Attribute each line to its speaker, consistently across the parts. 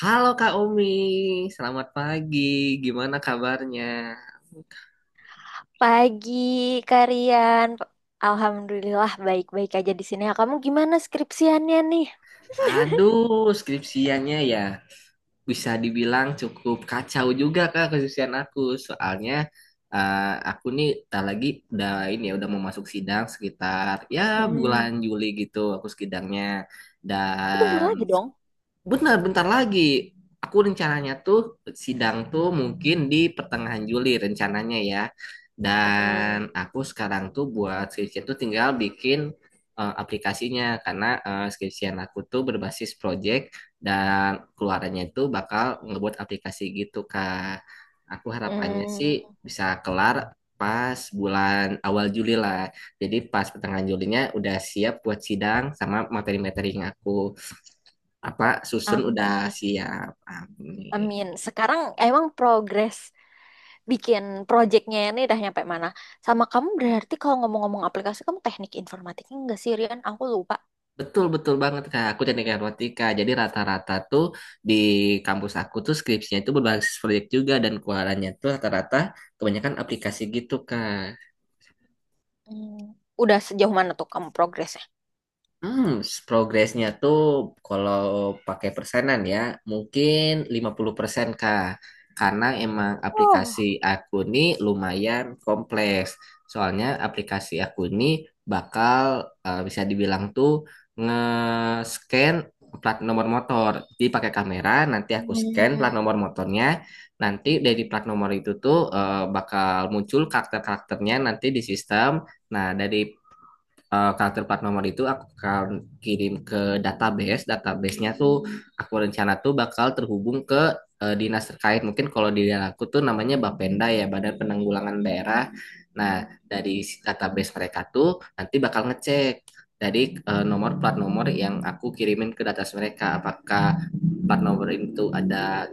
Speaker 1: Halo Kak Omi, selamat pagi. Gimana kabarnya?
Speaker 2: Pagi, Karian. Alhamdulillah baik-baik aja di sini. Ya, kamu gimana skripsiannya nih?
Speaker 1: Aduh, skripsiannya ya bisa dibilang cukup kacau juga Kak skripsian aku. Soalnya eh, aku nih tak lagi udah ini ya udah mau masuk sidang sekitar ya bulan
Speaker 2: Mm-mm.
Speaker 1: Juli gitu aku sidangnya.
Speaker 2: Oh, bentar lagi
Speaker 1: Dan
Speaker 2: dong.
Speaker 1: Benar, bentar lagi. Aku rencananya tuh sidang tuh mungkin di pertengahan Juli rencananya ya.
Speaker 2: Mm-mm.
Speaker 1: Dan aku sekarang tuh buat skripsi tuh tinggal bikin aplikasinya karena skripsian aku tuh berbasis project dan keluarannya itu bakal ngebuat aplikasi gitu Kak. Aku harapannya sih
Speaker 2: Mm.
Speaker 1: bisa kelar pas bulan awal Juli lah. Jadi pas pertengahan Julinya udah siap buat sidang sama materi-materinya aku apa susun udah
Speaker 2: Amin.
Speaker 1: siap Amin.
Speaker 2: Amin. Sekarang emang progres bikin proyeknya ini udah nyampe mana? Sama kamu berarti kalau ngomong-ngomong aplikasi, kamu teknik informatiknya enggak sih, Rian? Aku lupa.
Speaker 1: Betul betul banget kak aku teknik informatika jadi rata-rata tuh di kampus aku tuh skripsinya itu berbasis proyek juga dan keluarannya tuh rata-rata kebanyakan aplikasi gitu kak.
Speaker 2: Mm. Udah sejauh mana tuh kamu progresnya?
Speaker 1: Hmm, progresnya tuh kalau pakai persenan ya, mungkin 50% Kak. Karena emang
Speaker 2: Oh.
Speaker 1: aplikasi aku ini lumayan kompleks. Soalnya aplikasi aku ini bakal bisa dibilang tuh nge-scan plat nomor motor. Jadi pakai kamera, nanti aku scan plat
Speaker 2: Mm.
Speaker 1: nomor motornya. Nanti dari plat nomor itu tuh bakal muncul karakter-karakternya nanti di sistem. Nah, dari karakter plat nomor itu aku akan kirim ke database. Database-nya tuh aku rencana tuh bakal terhubung ke dinas terkait. Mungkin kalau di daerah aku tuh namanya Bapenda ya, Badan Penanggulangan Daerah. Nah, dari si database mereka tuh nanti bakal ngecek dari nomor plat nomor yang aku kirimin ke database mereka apakah plat nomor itu ada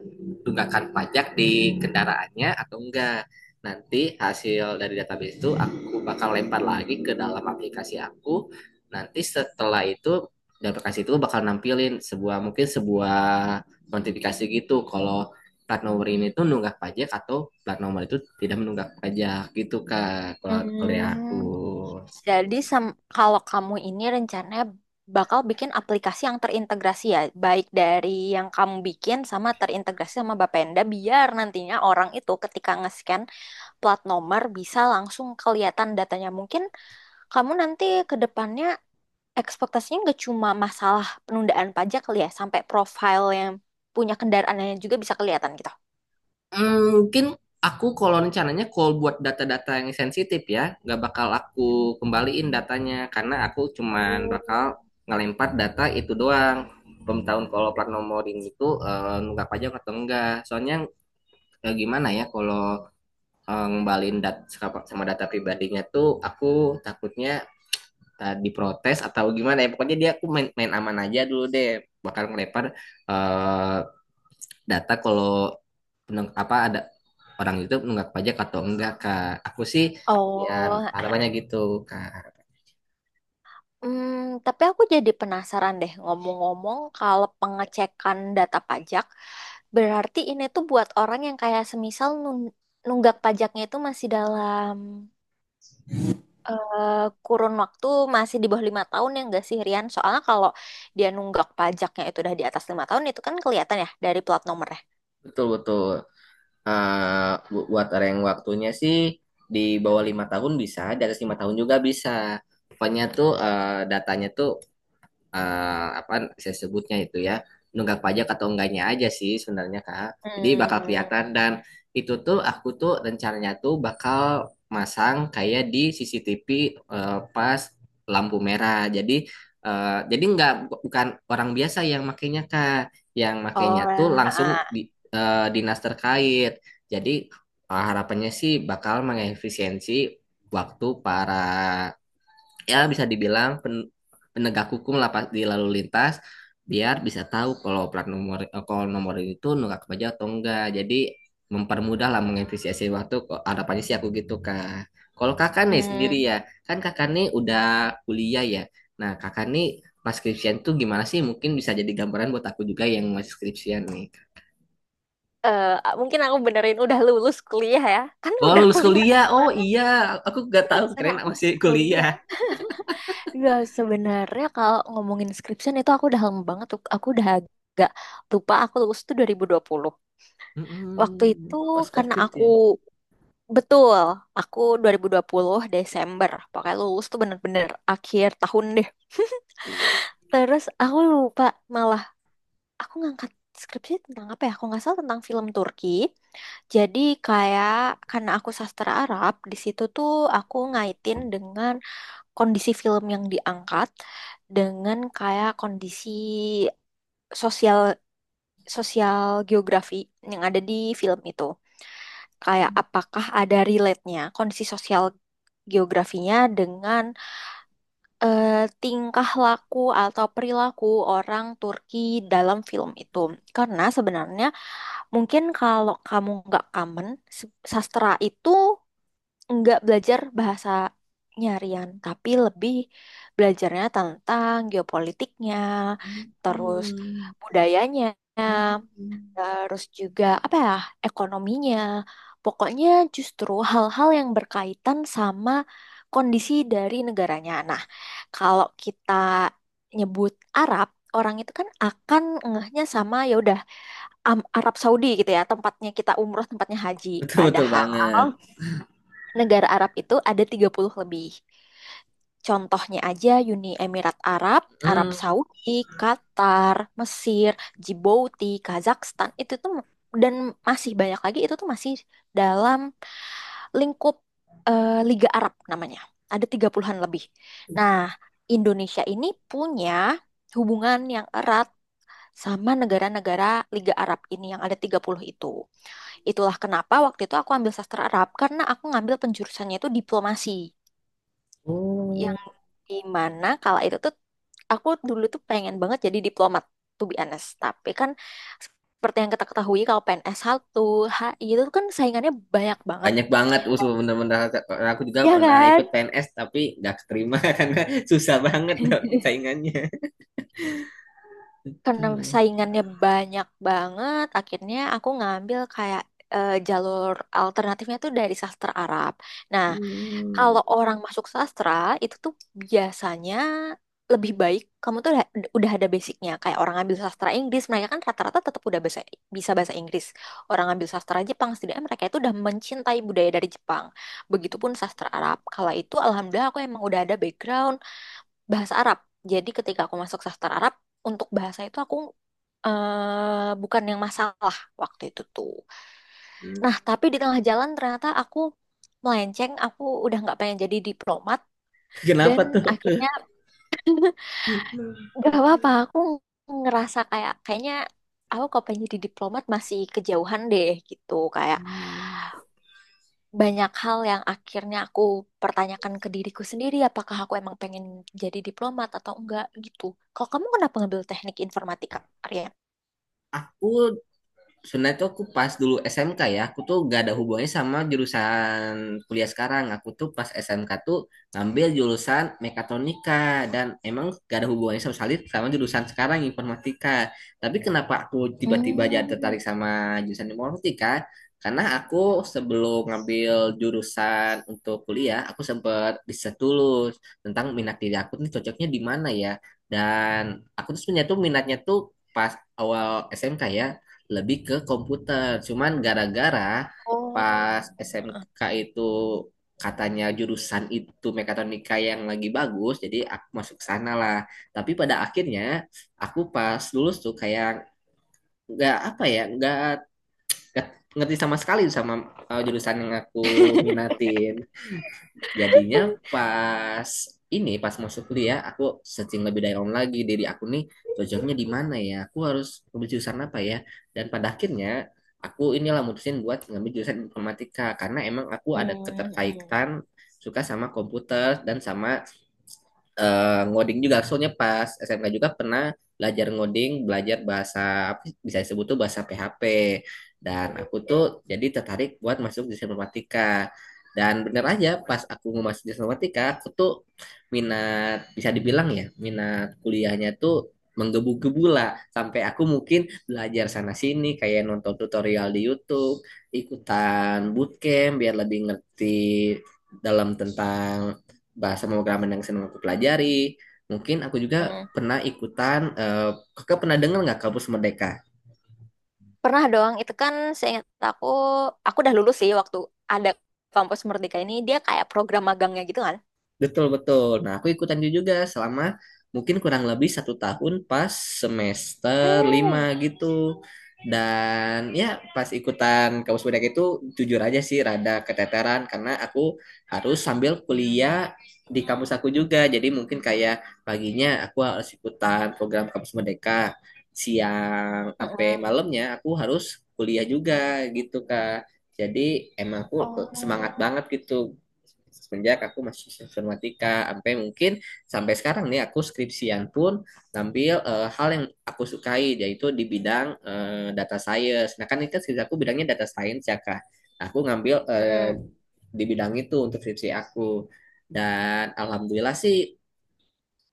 Speaker 1: tunggakan pajak di kendaraannya atau enggak. Nanti hasil dari database itu aku bakal lempar lagi ke dalam aplikasi aku. Nanti setelah itu di aplikasi itu bakal nampilin sebuah mungkin sebuah notifikasi gitu kalau plat nomor ini tuh nunggak pajak atau plat nomor itu tidak menunggak pajak gitu kak kalau kalau dari aku.
Speaker 2: Mm. Jadi kalau kamu ini rencananya bakal bikin aplikasi yang terintegrasi ya, baik dari yang kamu bikin sama terintegrasi sama Bapenda, biar nantinya orang itu ketika nge-scan plat nomor bisa langsung kelihatan datanya. Mungkin kamu nanti ke depannya ekspektasinya nggak cuma masalah penundaan pajak kali ya, sampai profil yang punya kendaraannya juga bisa kelihatan gitu.
Speaker 1: Hmm, mungkin aku kalau rencananya call buat data-data yang sensitif ya, nggak bakal aku kembaliin datanya karena aku cuman
Speaker 2: Oh.
Speaker 1: bakal ngelempar data itu doang. Pemberitahuan kalau plat nomorin itu nunggak pajak atau enggak. Soalnya gimana ya kalau ngembaliin dat sama sama data pribadinya tuh aku takutnya diprotes atau gimana ya. Pokoknya dia aku main aman aja dulu deh. Bakal ngelempar eh, data kalau peneng- apa ada orang itu menunggak pajak atau enggak kak aku sih ya
Speaker 2: Oh.
Speaker 1: harapannya gitu kak.
Speaker 2: Hmm, tapi aku jadi penasaran deh, ngomong-ngomong, kalau pengecekan data pajak, berarti ini tuh buat orang yang kayak semisal nunggak pajaknya itu masih dalam eh, kurun waktu masih di bawah 5 tahun ya nggak sih Rian? Soalnya kalau dia nunggak pajaknya itu udah di atas 5 tahun itu kan kelihatan ya dari plat nomornya.
Speaker 1: Betul betul. Eh, buat orang yang waktunya sih di bawah 5 tahun bisa, di atas 5 tahun juga bisa. Pokoknya tuh datanya tuh apa saya sebutnya itu ya nunggak pajak atau enggaknya aja sih sebenarnya Kak. Jadi bakal
Speaker 2: Hmm,
Speaker 1: kelihatan dan itu tuh aku tuh rencananya tuh bakal masang kayak di CCTV pas lampu merah. Jadi jadi nggak bukan orang biasa yang makainya Kak, yang
Speaker 2: oh,
Speaker 1: makainya tuh langsung
Speaker 2: ah.
Speaker 1: di dinas terkait. Jadi harapannya sih bakal mengefisiensi waktu para ya bisa dibilang pen- penegak hukum lah pas- di lalu lintas biar bisa tahu kalau plat nomor kalau nomor itu nunggak pajak atau enggak. Jadi mempermudah lah mengefisiensi waktu. Kok harapannya sih aku gitu kak. Kalau kakak nih sendiri
Speaker 2: Hmm.
Speaker 1: ya, kan kakak nih udah kuliah ya. Nah kakak nih pas skripsian tuh gimana sih? Mungkin bisa jadi gambaran buat aku juga yang masih skripsian nih.
Speaker 2: Eh, mungkin aku benerin udah lulus kuliah ya, kan
Speaker 1: Oh
Speaker 2: udah
Speaker 1: lulus
Speaker 2: kuliah aku
Speaker 1: kuliah, oh
Speaker 2: kemana?
Speaker 1: iya, aku gak
Speaker 2: Aku
Speaker 1: tahu
Speaker 2: di sana
Speaker 1: keren
Speaker 2: aku
Speaker 1: masih
Speaker 2: masih
Speaker 1: kuliah.
Speaker 2: kuliah. Iya, sebenarnya kalau ngomongin skripsian itu aku udah lama banget tuh. Aku udah agak lupa aku lulus tuh dua dua ribu dua puluh. Waktu
Speaker 1: Mm-mm,
Speaker 2: itu
Speaker 1: pas
Speaker 2: karena
Speaker 1: COVID
Speaker 2: aku
Speaker 1: ya.
Speaker 2: betul, aku dua dua ribu dua puluh Desember. Pokoknya lulus tuh bener-bener akhir tahun deh. Terus aku lupa malah aku ngangkat skripsi tentang apa ya? Aku nggak salah tentang film Turki. Jadi kayak karena aku sastra Arab, di situ tuh aku ngaitin dengan kondisi film yang diangkat dengan kayak kondisi sosial sosial geografi yang ada di film itu. Kayak apakah ada relate-nya kondisi sosial geografinya dengan eh, tingkah laku atau perilaku orang Turki dalam film itu. Karena sebenarnya mungkin kalau kamu nggak kamen sastra itu nggak belajar bahasa nyarian, tapi lebih belajarnya tentang geopolitiknya, terus
Speaker 1: Mm-mm.
Speaker 2: budayanya,
Speaker 1: Hmm.
Speaker 2: terus juga apa ya, ekonominya. Pokoknya justru hal-hal yang berkaitan sama kondisi dari negaranya. Nah, kalau kita nyebut Arab, orang itu kan akan ngehnya sama ya udah Arab Saudi gitu ya, tempatnya kita umroh, tempatnya haji.
Speaker 1: Betul betul
Speaker 2: Padahal
Speaker 1: banget.
Speaker 2: negara Arab itu ada 30 lebih. Contohnya aja Uni Emirat Arab, Arab
Speaker 1: Hmm.
Speaker 2: Saudi, Qatar, Mesir, Djibouti, Kazakhstan, itu tuh dan masih banyak lagi itu tuh masih dalam lingkup Liga Arab namanya. Ada 30-an lebih. Nah, Indonesia ini punya hubungan yang erat sama negara-negara Liga Arab ini yang ada 30 itu. Itulah kenapa waktu itu aku ambil sastra Arab karena aku ngambil penjurusannya itu diplomasi. Yang
Speaker 1: Oh.
Speaker 2: dimana kala itu tuh aku dulu tuh pengen banget jadi diplomat to be honest. Tapi kan seperti yang kita ketahui kalau PNS 1, HI itu kan saingannya banyak banget.
Speaker 1: Banyak banget usul bener-bener aku juga
Speaker 2: Ya
Speaker 1: pernah
Speaker 2: kan?
Speaker 1: ikut PNS tapi nggak keterima karena susah banget dok, saingannya.
Speaker 2: Karena
Speaker 1: Tuh.
Speaker 2: saingannya banyak banget, akhirnya aku ngambil kayak jalur alternatifnya tuh dari sastra Arab. Nah,
Speaker 1: Hmm.
Speaker 2: kalau orang masuk sastra itu tuh biasanya lebih baik kamu tuh udah ada basicnya. Kayak orang ambil sastra Inggris, mereka kan rata-rata tetap udah bahasa, bisa bahasa Inggris. Orang ambil sastra Jepang, setidaknya mereka itu udah mencintai budaya dari Jepang. Begitupun sastra Arab. Kala itu alhamdulillah aku emang udah ada background bahasa Arab. Jadi ketika aku masuk sastra Arab, untuk bahasa itu aku bukan yang masalah waktu itu tuh. Nah, tapi di tengah jalan ternyata aku melenceng, aku udah nggak pengen jadi diplomat dan
Speaker 1: Kenapa tuh?
Speaker 2: akhirnya gak apa-apa, aku ngerasa kayaknya aku kalau pengen jadi diplomat masih kejauhan deh gitu. Kayak
Speaker 1: Hmm.
Speaker 2: banyak hal yang akhirnya aku pertanyakan ke diriku sendiri, apakah aku emang pengen jadi diplomat atau enggak gitu. Kalau kamu kenapa ngambil teknik informatika, Arya?
Speaker 1: Aku sebenarnya tuh aku pas dulu SMK ya, aku tuh gak ada hubungannya sama jurusan kuliah sekarang. Aku tuh pas SMK tuh ngambil jurusan mekatronika dan emang gak ada hubungannya sama sekali sama jurusan sekarang informatika. Tapi kenapa aku tiba-tiba jadi
Speaker 2: Hmm.
Speaker 1: tertarik sama jurusan informatika? Karena aku sebelum ngambil jurusan untuk kuliah, aku sempat riset dulu tentang minat diri aku nih cocoknya di mana ya. Dan aku tuh sebenarnya tuh minatnya tuh pas awal SMK ya lebih ke komputer. Cuman gara-gara
Speaker 2: Oh.
Speaker 1: pas SMK itu katanya jurusan itu mekatronika yang lagi bagus, jadi aku masuk sana lah. Tapi pada akhirnya aku pas lulus tuh kayak nggak apa ya, nggak ngerti sama sekali sama jurusan yang aku minatin. Jadinya pas pas masuk kuliah aku searching lebih dalam lagi diri aku nih cocoknya di mana ya. Aku harus ngambil jurusan apa ya. Dan pada akhirnya aku inilah mutusin buat ngambil jurusan informatika karena emang aku ada
Speaker 2: Hmm, hmm,
Speaker 1: keterkaitan suka sama komputer dan sama ngoding juga. Soalnya pas SMK juga pernah belajar ngoding, belajar bahasa apa sih, bisa disebut tuh bahasa PHP. Dan aku tuh jadi tertarik buat masuk di informatika. Dan bener aja pas aku mau masuk di informatika, aku tuh minat bisa dibilang ya minat kuliahnya tuh menggebu-gebu lah sampai aku mungkin belajar sana sini kayak nonton tutorial di YouTube, ikutan bootcamp biar lebih ngerti dalam tentang bahasa pemrograman yang senang aku pelajari. Mungkin aku juga
Speaker 2: hmm.
Speaker 1: pernah ikutan, kakak pernah dengar nggak Kampus Merdeka?
Speaker 2: Pernah doang itu kan seingat aku udah lulus sih waktu ada kampus Merdeka ini, dia kayak program magangnya gitu kan.
Speaker 1: Betul betul. Nah aku ikutan itu juga selama mungkin kurang lebih 1 tahun pas semester 5
Speaker 2: Oh.
Speaker 1: gitu. Dan ya pas ikutan kampus budak itu jujur aja sih rada keteteran karena aku harus sambil kuliah di kampus aku juga. Jadi mungkin kayak paginya aku harus ikutan program kampus merdeka. Siang sampai
Speaker 2: Mm-mm.
Speaker 1: malamnya aku harus kuliah juga gitu Kak. Jadi emang aku semangat
Speaker 2: Oh,
Speaker 1: banget gitu semenjak aku masih informatika sampai mungkin sampai sekarang nih aku skripsian pun ngambil hal yang aku sukai yaitu di bidang data science. Nah kan ini kan skripsi aku bidangnya data science ya kak. Nah, aku ngambil
Speaker 2: mm-mm.
Speaker 1: di bidang itu untuk skripsi aku dan alhamdulillah sih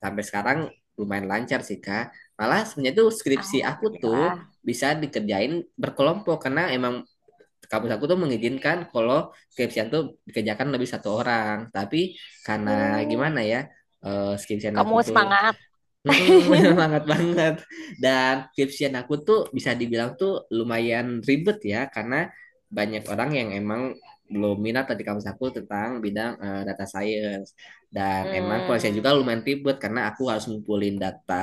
Speaker 1: sampai sekarang lumayan lancar sih kak. Malah sebenarnya tuh skripsi aku tuh
Speaker 2: Alhamdulillah.
Speaker 1: bisa dikerjain berkelompok karena emang kampus aku tuh mengizinkan kalau skripsian tuh dikerjakan lebih satu orang tapi karena gimana
Speaker 2: Oh.
Speaker 1: ya eh skripsian
Speaker 2: Kamu
Speaker 1: aku tuh
Speaker 2: semangat.
Speaker 1: Mm-mm, semangat banget. Dan skripsian aku tuh bisa dibilang tuh lumayan ribet ya, karena banyak orang yang emang belum minat tadi kampus aku tentang bidang data science. Dan emang prosesnya
Speaker 2: Hmm,
Speaker 1: juga lumayan ribet karena aku harus ngumpulin data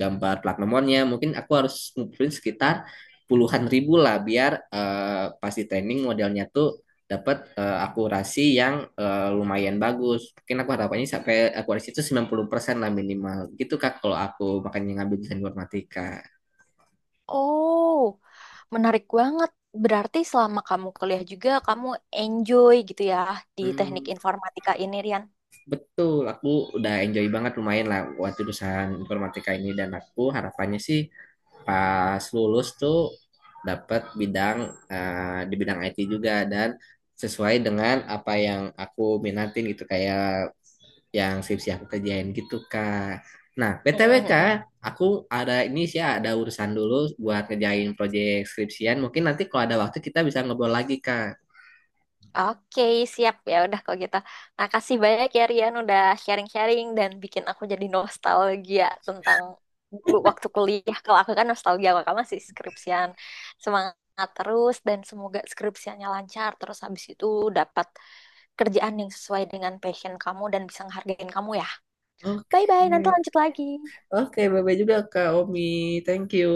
Speaker 1: gambar plat nomornya. Mungkin aku harus ngumpulin sekitar puluhan ribu lah biar pas di training modelnya tuh dapat akurasi yang lumayan bagus. Mungkin aku harapannya sampai akurasi itu 90% lah minimal. Gitu Kak kalau aku makanya ngambil desain informatika.
Speaker 2: oh, menarik banget. Berarti selama kamu kuliah juga, kamu enjoy gitu ya di teknik
Speaker 1: Hmm,
Speaker 2: informatika ini, Rian?
Speaker 1: betul, aku udah enjoy banget lumayan lah buat jurusan informatika ini dan aku harapannya sih pas lulus tuh dapat bidang di bidang IT juga dan sesuai dengan apa yang aku minatin gitu kayak yang skripsi aku kerjain gitu kak. Nah btw kak, aku ada ini sih ada urusan dulu buat ngejain proyek skripsian. Mungkin nanti kalau ada waktu kita bisa ngobrol lagi kak.
Speaker 2: Oke, siap ya udah kalau gitu. Makasih banyak ya Rian udah sharing-sharing dan bikin aku jadi nostalgia tentang dulu waktu kuliah. Kalau aku kan nostalgia, kalau kamu masih skripsian. Semangat terus dan semoga skripsiannya lancar. Terus habis itu dapat kerjaan yang sesuai dengan passion kamu dan bisa ngehargain kamu ya.
Speaker 1: Oke,
Speaker 2: Bye-bye, nanti lanjut lagi.
Speaker 1: oke, bye bye juga kak Omi, thank you.